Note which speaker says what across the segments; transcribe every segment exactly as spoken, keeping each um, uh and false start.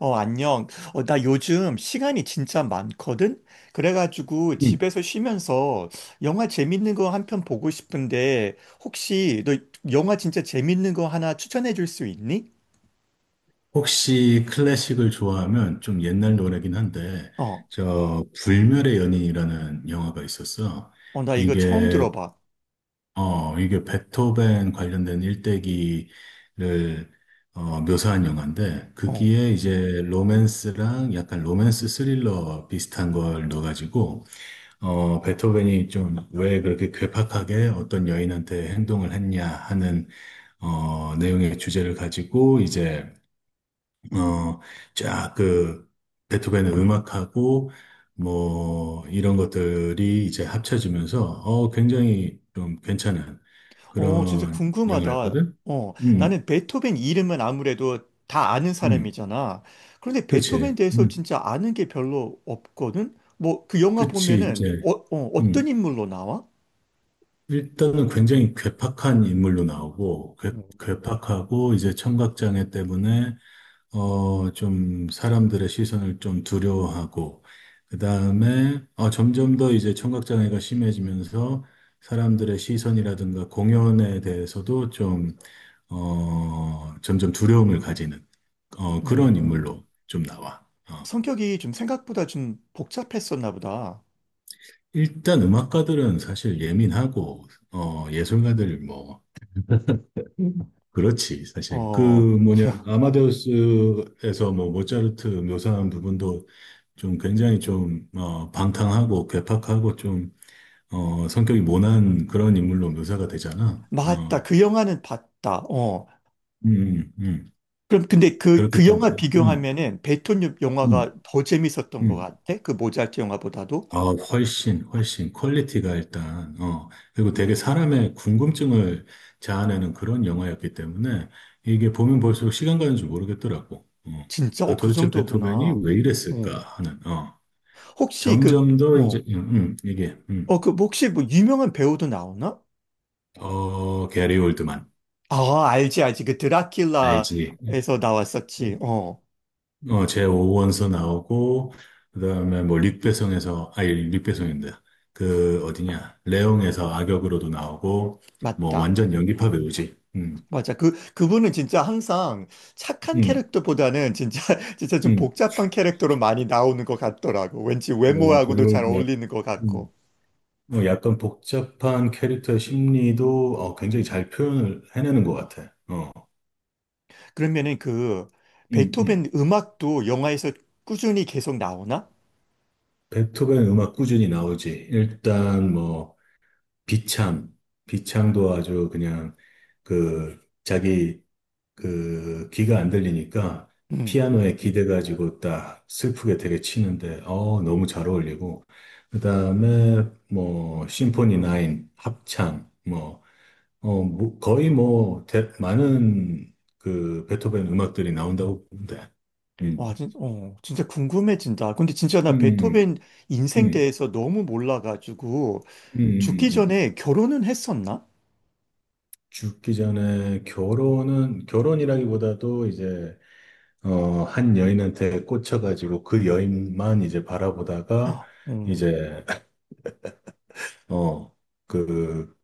Speaker 1: 어, 안녕. 어, 나 요즘 시간이 진짜 많거든? 그래가지고
Speaker 2: 음.
Speaker 1: 집에서 쉬면서 영화 재밌는 거 한 편 보고 싶은데 혹시 너 영화 진짜 재밌는 거 하나 추천해 줄 수 있니?
Speaker 2: 혹시 클래식을 좋아하면 좀 옛날 노래긴 한데,
Speaker 1: 어,
Speaker 2: 저, 불멸의 연인이라는 영화가 있었어.
Speaker 1: 어, 나 이거 처음
Speaker 2: 이게,
Speaker 1: 들어봐.
Speaker 2: 어, 이게 베토벤 관련된 일대기를, 어, 묘사한 영화인데,
Speaker 1: 어,
Speaker 2: 거기에 이제 로맨스랑 약간 로맨스 스릴러 비슷한 걸 넣어가지고, 어, 베토벤이 좀 왜 그렇게 괴팍하게 어떤 여인한테 행동을 했냐 하는, 어, 내용의 주제를 가지고 이제 어, 쫙 그, 베토벤의 음악하고, 뭐, 이런 것들이 이제 합쳐지면서, 어, 굉장히 좀 괜찮은
Speaker 1: 어, 진짜
Speaker 2: 그런
Speaker 1: 궁금하다.
Speaker 2: 영화였거든?
Speaker 1: 어,
Speaker 2: 음,
Speaker 1: 나는 베토벤 이름은 아무래도 다 아는
Speaker 2: 음,
Speaker 1: 사람이잖아. 그런데 베토벤
Speaker 2: 그치.
Speaker 1: 대해서
Speaker 2: 음,
Speaker 1: 진짜 아는 게 별로 없거든? 뭐 그 영화
Speaker 2: 그치,
Speaker 1: 보면은
Speaker 2: 이제,
Speaker 1: 어, 어,
Speaker 2: 음.
Speaker 1: 어떤 인물로 나와?
Speaker 2: 일단은 굉장히 괴팍한 인물로 나오고, 괴,
Speaker 1: 음.
Speaker 2: 괴팍하고, 이제 청각장애 때문에 어, 좀 사람들의 시선을 좀 두려워하고, 그 다음에 어, 점점 더 이제 청각장애가 심해지면서 사람들의 시선이라든가 공연에 대해서도 좀, 어, 점점 두려움을 가지는 어, 그런
Speaker 1: 음.
Speaker 2: 인물로 좀 나와. 어,
Speaker 1: 성격이 좀 생각보다 좀 복잡했었나 보다.
Speaker 2: 일단 음악가들은 사실 예민하고, 어, 예술가들 뭐, 음. 그렇지, 사실. 그
Speaker 1: 어,
Speaker 2: 뭐냐, 아마데우스에서 뭐 모차르트 묘사한 부분도 좀 굉장히 좀, 어, 방탕하고 괴팍하고 좀, 어, 성격이 모난 그런 인물로 묘사가 되잖아.
Speaker 1: 맞다.
Speaker 2: 어,
Speaker 1: 그 영화는 봤다. 어.
Speaker 2: 음, 음, 음.
Speaker 1: 그럼 근데 그,
Speaker 2: 그렇기
Speaker 1: 그
Speaker 2: 때문에,
Speaker 1: 영화
Speaker 2: 음,
Speaker 1: 비교하면은 베톤 영화가
Speaker 2: 음,
Speaker 1: 더 재밌었던 것
Speaker 2: 음.
Speaker 1: 같아? 그 모잘트 영화보다도?
Speaker 2: 아, 훨씬, 훨씬 퀄리티가 일단, 어, 그리고 되게 사람의 궁금증을 자아내는 그런 영화였기 때문에 이게 보면 볼수록 시간 가는 줄 모르겠더라고. 어.
Speaker 1: 진짜?
Speaker 2: 아,
Speaker 1: 어, 그
Speaker 2: 도대체
Speaker 1: 정도구나.
Speaker 2: 베토벤이 왜 이랬을까
Speaker 1: 어.
Speaker 2: 하는, 어.
Speaker 1: 혹시 그,
Speaker 2: 점점 더 이제,
Speaker 1: 뭐,
Speaker 2: 음, 음, 이게, 음.
Speaker 1: 어, 그, 뭐 혹시 뭐 유명한 배우도 나오나?
Speaker 2: 어, 게리 올드만.
Speaker 1: 아, 알지, 알지. 그
Speaker 2: 알지? 음,
Speaker 1: 드라큘라에서 나왔었지.
Speaker 2: 음.
Speaker 1: 어,
Speaker 2: 어, 제 오원서 나오고, 그 다음에 뭐, 릭배송에서, 아니, 릭배송인데, 그, 어디냐, 레옹에서 악역으로도 나오고, 뭐,
Speaker 1: 맞다.
Speaker 2: 완전 연기파 배우지. 음,
Speaker 1: 맞아. 그, 그분은 진짜 항상 착한
Speaker 2: 음,
Speaker 1: 캐릭터보다는 진짜, 진짜 좀
Speaker 2: 음.
Speaker 1: 복잡한 캐릭터로 많이 나오는 것 같더라고. 왠지
Speaker 2: 어,
Speaker 1: 외모하고도
Speaker 2: 그리고
Speaker 1: 잘
Speaker 2: 약,
Speaker 1: 어울리는 것 같고.
Speaker 2: 음, 뭐 약간 복잡한 캐릭터의 심리도 어, 굉장히 잘 표현을 해내는 것 같아. 어,
Speaker 1: 그러면은 그,
Speaker 2: 음, 음.
Speaker 1: 베토벤 음악도 영화에서 꾸준히 계속 나오나?
Speaker 2: 베토벤 음악 꾸준히 나오지. 일단 뭐, 비참, 비참도 아주 그냥 그 자기 그 귀가 안 들리니까
Speaker 1: 음.
Speaker 2: 피아노에 기대가지고 딱 슬프게 되게 치는데 어 너무 잘 어울리고 그다음에 뭐 심포니 구 합창 뭐 어, 뭐 거의 뭐 대- 많은 그 베토벤 음악들이 나온다고 보는데 음.
Speaker 1: 와, 진, 어, 진짜 궁금해진다. 근데 진짜
Speaker 2: 음,
Speaker 1: 나
Speaker 2: 음,
Speaker 1: 베토벤
Speaker 2: 음,
Speaker 1: 인생
Speaker 2: 음,
Speaker 1: 대해서 너무 몰라가지고,
Speaker 2: 음. 음,
Speaker 1: 죽기
Speaker 2: 음.
Speaker 1: 전에 결혼은 했었나?
Speaker 2: 죽기 전에 결혼은 결혼이라기보다도 이제 어, 한 여인한테 꽂혀가지고 그 여인만 이제 바라보다가
Speaker 1: 음.
Speaker 2: 이제, 어, 그,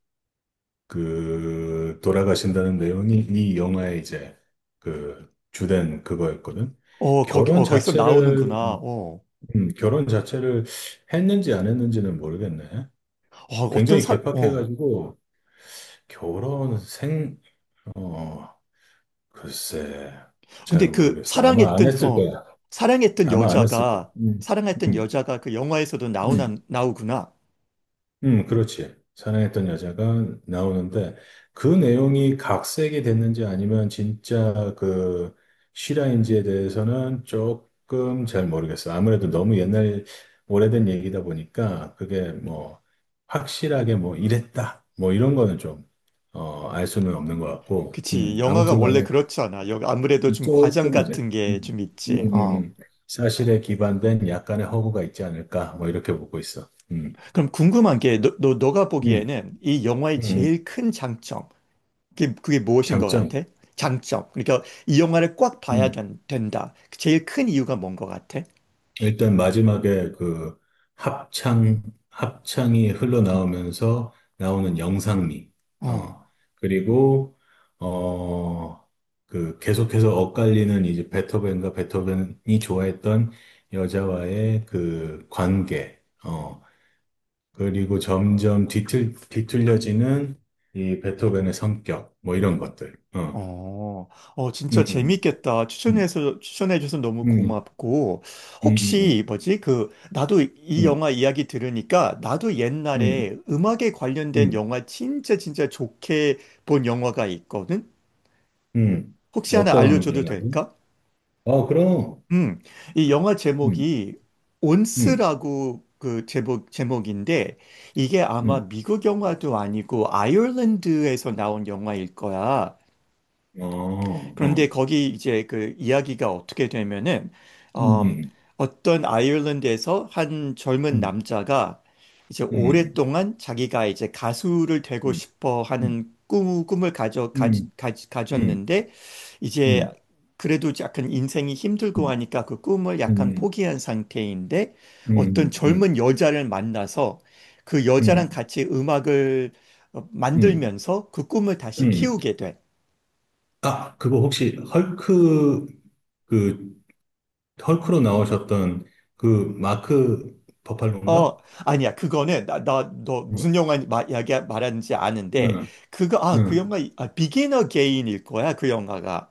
Speaker 2: 그, 돌아가신다는 내용이 이 영화의 이제 그 주된 그거였거든.
Speaker 1: 어, 거기,
Speaker 2: 결혼
Speaker 1: 어, 거기서
Speaker 2: 자체를,
Speaker 1: 나오는구나. 어,
Speaker 2: 음, 결혼 자체를 했는지 안 했는지는 모르겠네.
Speaker 1: 어, 어떤
Speaker 2: 굉장히
Speaker 1: 사, 어.
Speaker 2: 개팍해가지고 결혼 생, 어, 글쎄, 잘
Speaker 1: 근데 그
Speaker 2: 모르겠어. 아마 안
Speaker 1: 사랑했던
Speaker 2: 했을
Speaker 1: 어
Speaker 2: 거야.
Speaker 1: 사랑했던
Speaker 2: 아마 안 했을 거야.
Speaker 1: 여자가
Speaker 2: 음,
Speaker 1: 사랑했던
Speaker 2: 음,
Speaker 1: 여자가 그 영화에서도 나오나
Speaker 2: 음.
Speaker 1: 나오구나.
Speaker 2: 음, 그렇지. 사랑했던 여자가 나오는데 그 내용이 각색이 됐는지 아니면 진짜 그 실화인지에 대해서는 조금 잘 모르겠어. 아무래도 너무 옛날 오래된 얘기다 보니까 그게 뭐 확실하게 뭐 이랬다 뭐 이런 거는 좀 어, 알 수는 없는 것 같고,
Speaker 1: 그치.
Speaker 2: 음,
Speaker 1: 영화가
Speaker 2: 아무튼
Speaker 1: 원래
Speaker 2: 간에
Speaker 1: 그렇잖아. 여기 아무래도 좀 과장
Speaker 2: 조금 이제
Speaker 1: 같은 게
Speaker 2: 음,
Speaker 1: 좀
Speaker 2: 음,
Speaker 1: 있지.
Speaker 2: 음,
Speaker 1: 어.
Speaker 2: 음. 사실에 기반된 약간의 허구가 있지 않을까 뭐 이렇게 보고 있어. 음,
Speaker 1: 그럼 궁금한 게 너, 너, 너가
Speaker 2: 음,
Speaker 1: 보기에는 이 영화의
Speaker 2: 음.
Speaker 1: 제일 큰 장점. 그게, 그게 무엇인 것
Speaker 2: 장점.
Speaker 1: 같아? 장점. 그러니까 이 영화를 꽉 봐야
Speaker 2: 음,
Speaker 1: 된, 된다. 제일 큰 이유가 뭔 것 같아?
Speaker 2: 일단 마지막에 그 합창, 합창이 흘러나오면서 나오는 영상미,
Speaker 1: 어.
Speaker 2: 어, 그리고, 어, 그 계속해서 엇갈리는 이제 베토벤과 베토벤이 좋아했던 여자와의 그 관계, 어, 그리고 점점 뒤틀, 뒤틀려지는 이 베토벤의 성격, 뭐 이런 것들, 어,
Speaker 1: 어, 어, 진짜
Speaker 2: 음,
Speaker 1: 재밌겠다.
Speaker 2: 음,
Speaker 1: 추천해서, 추천해줘서 너무
Speaker 2: 음,
Speaker 1: 고맙고.
Speaker 2: 음, 음,
Speaker 1: 혹시, 뭐지, 그, 나도 이
Speaker 2: 음, 음,
Speaker 1: 영화 이야기 들으니까, 나도
Speaker 2: 음,
Speaker 1: 옛날에 음악에 관련된
Speaker 2: 음.
Speaker 1: 영화 진짜 진짜 좋게 본 영화가 있거든?
Speaker 2: 음,
Speaker 1: 혹시
Speaker 2: 아,
Speaker 1: 하나
Speaker 2: 어떤
Speaker 1: 알려줘도
Speaker 2: 영화든?
Speaker 1: 될까?
Speaker 2: 어, 그럼,
Speaker 1: 음, 이 영화
Speaker 2: 음,
Speaker 1: 제목이
Speaker 2: 음,
Speaker 1: 온스라고 그 제목, 제목인데, 이게
Speaker 2: 음,
Speaker 1: 아마 미국 영화도 아니고, 아일랜드에서 나온 영화일 거야.
Speaker 2: 어,
Speaker 1: 그런데
Speaker 2: 어,
Speaker 1: 거기 이제 그 이야기가 어떻게 되면은 어,
Speaker 2: 음,
Speaker 1: 어떤 아일랜드에서 한 젊은
Speaker 2: 음,
Speaker 1: 남자가 이제
Speaker 2: 음,
Speaker 1: 오랫동안 자기가 이제 가수를 되고
Speaker 2: 음,
Speaker 1: 싶어
Speaker 2: 음,
Speaker 1: 하는 꿈, 꿈을 가져, 가,
Speaker 2: 음,
Speaker 1: 가,
Speaker 2: 음,
Speaker 1: 가졌는데 이제
Speaker 2: 음,
Speaker 1: 그래도 약간 인생이 힘들고 하니까 그 꿈을
Speaker 2: 음, 음,
Speaker 1: 약간
Speaker 2: 음,
Speaker 1: 포기한 상태인데 어떤
Speaker 2: 음,
Speaker 1: 젊은 여자를 만나서 그
Speaker 2: 음,
Speaker 1: 여자랑
Speaker 2: 음,
Speaker 1: 같이 음악을 어,
Speaker 2: 음.
Speaker 1: 만들면서 그 꿈을 다시
Speaker 2: 음.
Speaker 1: 키우게 돼.
Speaker 2: 아, 그거 혹시 헐크, 그, 헐크로 나오셨던 그 마크 버팔로인가?
Speaker 1: 어, 아니야. 그거는 나, 나, 너
Speaker 2: 응,
Speaker 1: 무슨 영화 마, 이야기 말하는지 아는데
Speaker 2: 응,
Speaker 1: 그거 아, 그
Speaker 2: 응.
Speaker 1: 영화 아, 비기너 게인일 거야. 그 영화가.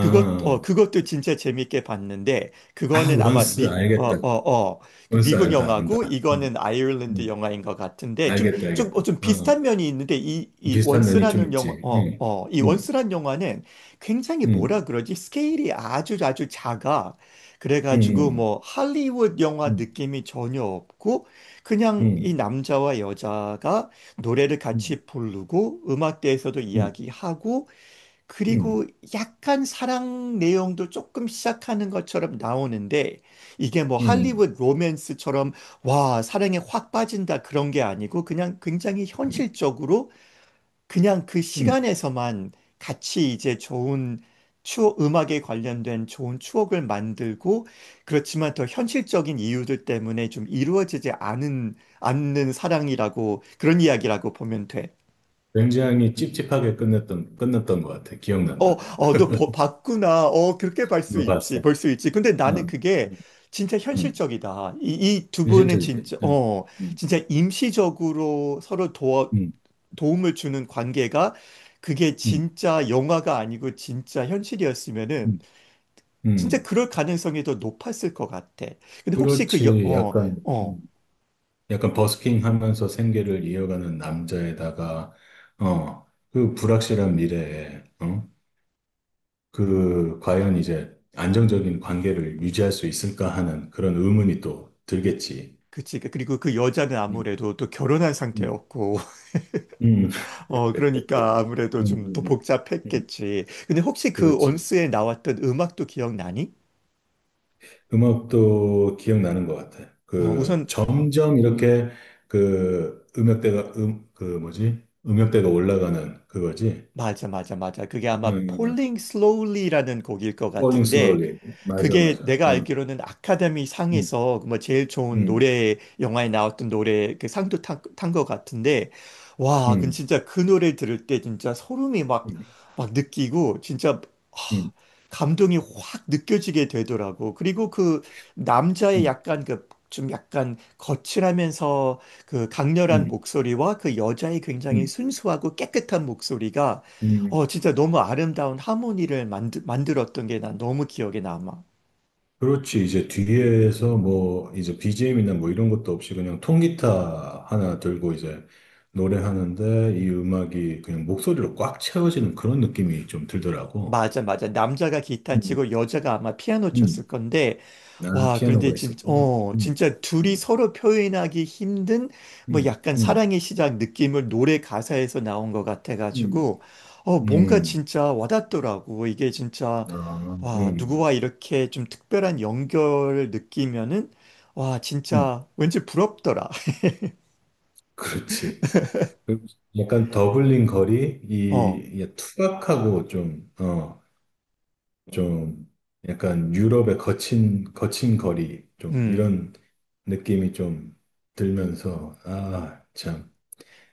Speaker 1: 그것, 어, 그것도 진짜 재밌게 봤는데,
Speaker 2: 아,
Speaker 1: 그거는 아마
Speaker 2: 원스
Speaker 1: 미, 어,
Speaker 2: 알겠다.
Speaker 1: 어, 어, 그
Speaker 2: 원스
Speaker 1: 미국
Speaker 2: 안다, 안다.
Speaker 1: 영화고,
Speaker 2: 응,
Speaker 1: 이거는 아일랜드
Speaker 2: 응.
Speaker 1: 영화인 것 같은데, 좀,
Speaker 2: 알겠다,
Speaker 1: 좀,
Speaker 2: 알겠다.
Speaker 1: 어, 좀
Speaker 2: 응,
Speaker 1: 비슷한
Speaker 2: 응.
Speaker 1: 면이 있는데, 이, 이
Speaker 2: 비슷한 면이 좀
Speaker 1: 원스라는 영화,
Speaker 2: 있지.
Speaker 1: 어,
Speaker 2: 응,
Speaker 1: 어, 이
Speaker 2: 응,
Speaker 1: 원스란 영화는 굉장히
Speaker 2: 응,
Speaker 1: 뭐라 그러지? 스케일이 아주 아주 작아. 그래가지고,
Speaker 2: 응,
Speaker 1: 뭐, 할리우드 영화
Speaker 2: 응,
Speaker 1: 느낌이 전혀 없고, 그냥 이
Speaker 2: 응,
Speaker 1: 남자와 여자가 노래를
Speaker 2: 응,
Speaker 1: 같이 부르고, 음악대에서도
Speaker 2: 응,
Speaker 1: 이야기하고,
Speaker 2: 응,
Speaker 1: 그리고 약간 사랑 내용도 조금 시작하는 것처럼 나오는데 이게 뭐
Speaker 2: 응,
Speaker 1: 할리우드 로맨스처럼 와, 사랑에 확 빠진다 그런 게 아니고 그냥 굉장히
Speaker 2: 응,
Speaker 1: 현실적으로 그냥 그
Speaker 2: 응.
Speaker 1: 시간에서만 같이 이제 좋은 추억, 음악에 관련된 좋은 추억을 만들고 그렇지만 더 현실적인 이유들 때문에 좀 이루어지지 않은, 않는 사랑이라고 그런 이야기라고 보면 돼.
Speaker 2: 굉장히 찝찝하게 끝냈던, 끝났던 것 같아.
Speaker 1: 어,
Speaker 2: 기억난다.
Speaker 1: 어, 너 보- 봤구나. 어, 그렇게 볼 수
Speaker 2: 이거
Speaker 1: 있지.
Speaker 2: 봤어.
Speaker 1: 볼 수 있지. 근데 나는
Speaker 2: 응,
Speaker 1: 그게
Speaker 2: 응,
Speaker 1: 진짜
Speaker 2: 응.
Speaker 1: 현실적이다. 이, 이 두 분은
Speaker 2: 현실적이지.
Speaker 1: 진짜,
Speaker 2: 응,
Speaker 1: 어,
Speaker 2: 응,
Speaker 1: 진짜 임시적으로 서로 도와,
Speaker 2: 응,
Speaker 1: 도움을 주는 관계가 그게
Speaker 2: 응,
Speaker 1: 진짜 영화가 아니고 진짜 현실이었으면은
Speaker 2: 응.
Speaker 1: 진짜
Speaker 2: 응.
Speaker 1: 그럴 가능성이 더 높았을 것 같아. 근데 혹시 그 여,
Speaker 2: 그렇지.
Speaker 1: 어,
Speaker 2: 약간,
Speaker 1: 어,
Speaker 2: 음, 약간 버스킹 하면서 생계를 이어가는 남자에다가, 어, 그 불확실한 미래에, 어? 그, 과연 이제 안정적인 관계를 유지할 수 있을까 하는 그런 의문이 또 들겠지.
Speaker 1: 그치. 그리고 그 여자는
Speaker 2: 음,
Speaker 1: 아무래도 또 결혼한
Speaker 2: 음,
Speaker 1: 상태였고.
Speaker 2: 음,
Speaker 1: 어, 그러니까 아무래도
Speaker 2: 음,
Speaker 1: 좀 더
Speaker 2: 음, 음. 음,
Speaker 1: 복잡했겠지. 근데 혹시 그
Speaker 2: 그렇지.
Speaker 1: 온스에 나왔던 음악도 기억나니?
Speaker 2: 음악도 기억나는 것 같아.
Speaker 1: 어,
Speaker 2: 그,
Speaker 1: 우선
Speaker 2: 점점 이렇게 그, 음역대가, 음, 그 뭐지? 음역대가 올라가는 그거지.
Speaker 1: 맞아 맞아 맞아. 그게
Speaker 2: 응,
Speaker 1: 아마
Speaker 2: 응, 응.
Speaker 1: Falling Slowly라는 곡일 것
Speaker 2: Falling
Speaker 1: 같은데
Speaker 2: slowly. 맞아,
Speaker 1: 그게
Speaker 2: 맞아.
Speaker 1: 내가
Speaker 2: 응,
Speaker 1: 알기로는 아카데미
Speaker 2: 응,
Speaker 1: 상에서 뭐 제일 좋은
Speaker 2: 응,
Speaker 1: 노래, 영화에 나왔던 노래 그 상도 탄, 탄것 같은데, 와, 그
Speaker 2: 응,
Speaker 1: 진짜 그 노래 들을 때 진짜 소름이 막,
Speaker 2: 응,
Speaker 1: 막 느끼고, 진짜, 하,
Speaker 2: 응,
Speaker 1: 감동이 확 느껴지게 되더라고. 그리고 그 남자의
Speaker 2: 응,
Speaker 1: 약간 그, 좀 약간 거칠하면서 그 강렬한
Speaker 2: 응,
Speaker 1: 목소리와 그 여자의 굉장히
Speaker 2: 응,
Speaker 1: 순수하고 깨끗한 목소리가
Speaker 2: 응.
Speaker 1: 어,
Speaker 2: 응.
Speaker 1: 진짜 너무 아름다운 하모니를 만드, 만들었던 게 난 너무 기억에 남아.
Speaker 2: 그렇지. 이제 뒤에서 뭐, 이제 비지엠이나 뭐 이런 것도 없이 그냥 통기타 하나 들고 이제 노래하는데 이 음악이 그냥 목소리로 꽉 채워지는 그런 느낌이 좀 들더라고.
Speaker 1: 맞아, 맞아. 남자가 기타
Speaker 2: 음,
Speaker 1: 치고 여자가 아마 피아노 쳤을
Speaker 2: 음.
Speaker 1: 건데,
Speaker 2: 아,
Speaker 1: 와, 그런데
Speaker 2: 피아노가
Speaker 1: 진,
Speaker 2: 있었구나.
Speaker 1: 어,
Speaker 2: 음,
Speaker 1: 진짜
Speaker 2: 음,
Speaker 1: 둘이 서로 표현하기 힘든 뭐
Speaker 2: 음,
Speaker 1: 약간
Speaker 2: 음,
Speaker 1: 사랑의 시작 느낌을 노래 가사에서 나온 것 같아가지고,
Speaker 2: 음,
Speaker 1: 어, 뭔가
Speaker 2: 음.
Speaker 1: 진짜 와닿더라고. 이게 진짜,
Speaker 2: 아,
Speaker 1: 와,
Speaker 2: 음,
Speaker 1: 누구와 이렇게 좀 특별한 연결을 느끼면은, 와,
Speaker 2: 음.
Speaker 1: 진짜 왠지 부럽더라.
Speaker 2: 그렇지. 그 약간 더블링 거리,
Speaker 1: 어,
Speaker 2: 이, 이 투박하고 좀, 어, 좀 약간 유럽의 거친, 거친 거리, 좀
Speaker 1: 음,
Speaker 2: 이런 느낌이 좀 들면서, 아, 참.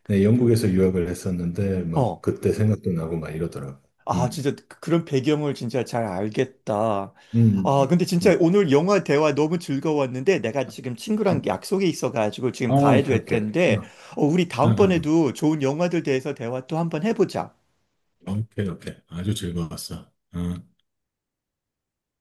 Speaker 2: 네, 영국에서 유학을 했었는데, 막
Speaker 1: 어.
Speaker 2: 그때 생각도 나고 막 이러더라고.
Speaker 1: 아,
Speaker 2: 음,
Speaker 1: 진짜 그- 그런 배경을 진짜 잘 알겠다.
Speaker 2: 음,
Speaker 1: 아, 근데
Speaker 2: 음.
Speaker 1: 진짜 오늘 영화 대화 너무 즐거웠는데 내가 지금 친구랑
Speaker 2: 음.
Speaker 1: 약속이 있어가지고 지금
Speaker 2: 어,
Speaker 1: 가야
Speaker 2: 오케이,
Speaker 1: 될
Speaker 2: 오케이.
Speaker 1: 텐데
Speaker 2: 어,
Speaker 1: 어, 우리
Speaker 2: 어, 어.
Speaker 1: 다음번에도 좋은 영화들 대해서 대화 또 한번 해보자.
Speaker 2: 오케이, 오케이. 아주 즐거웠어. 어.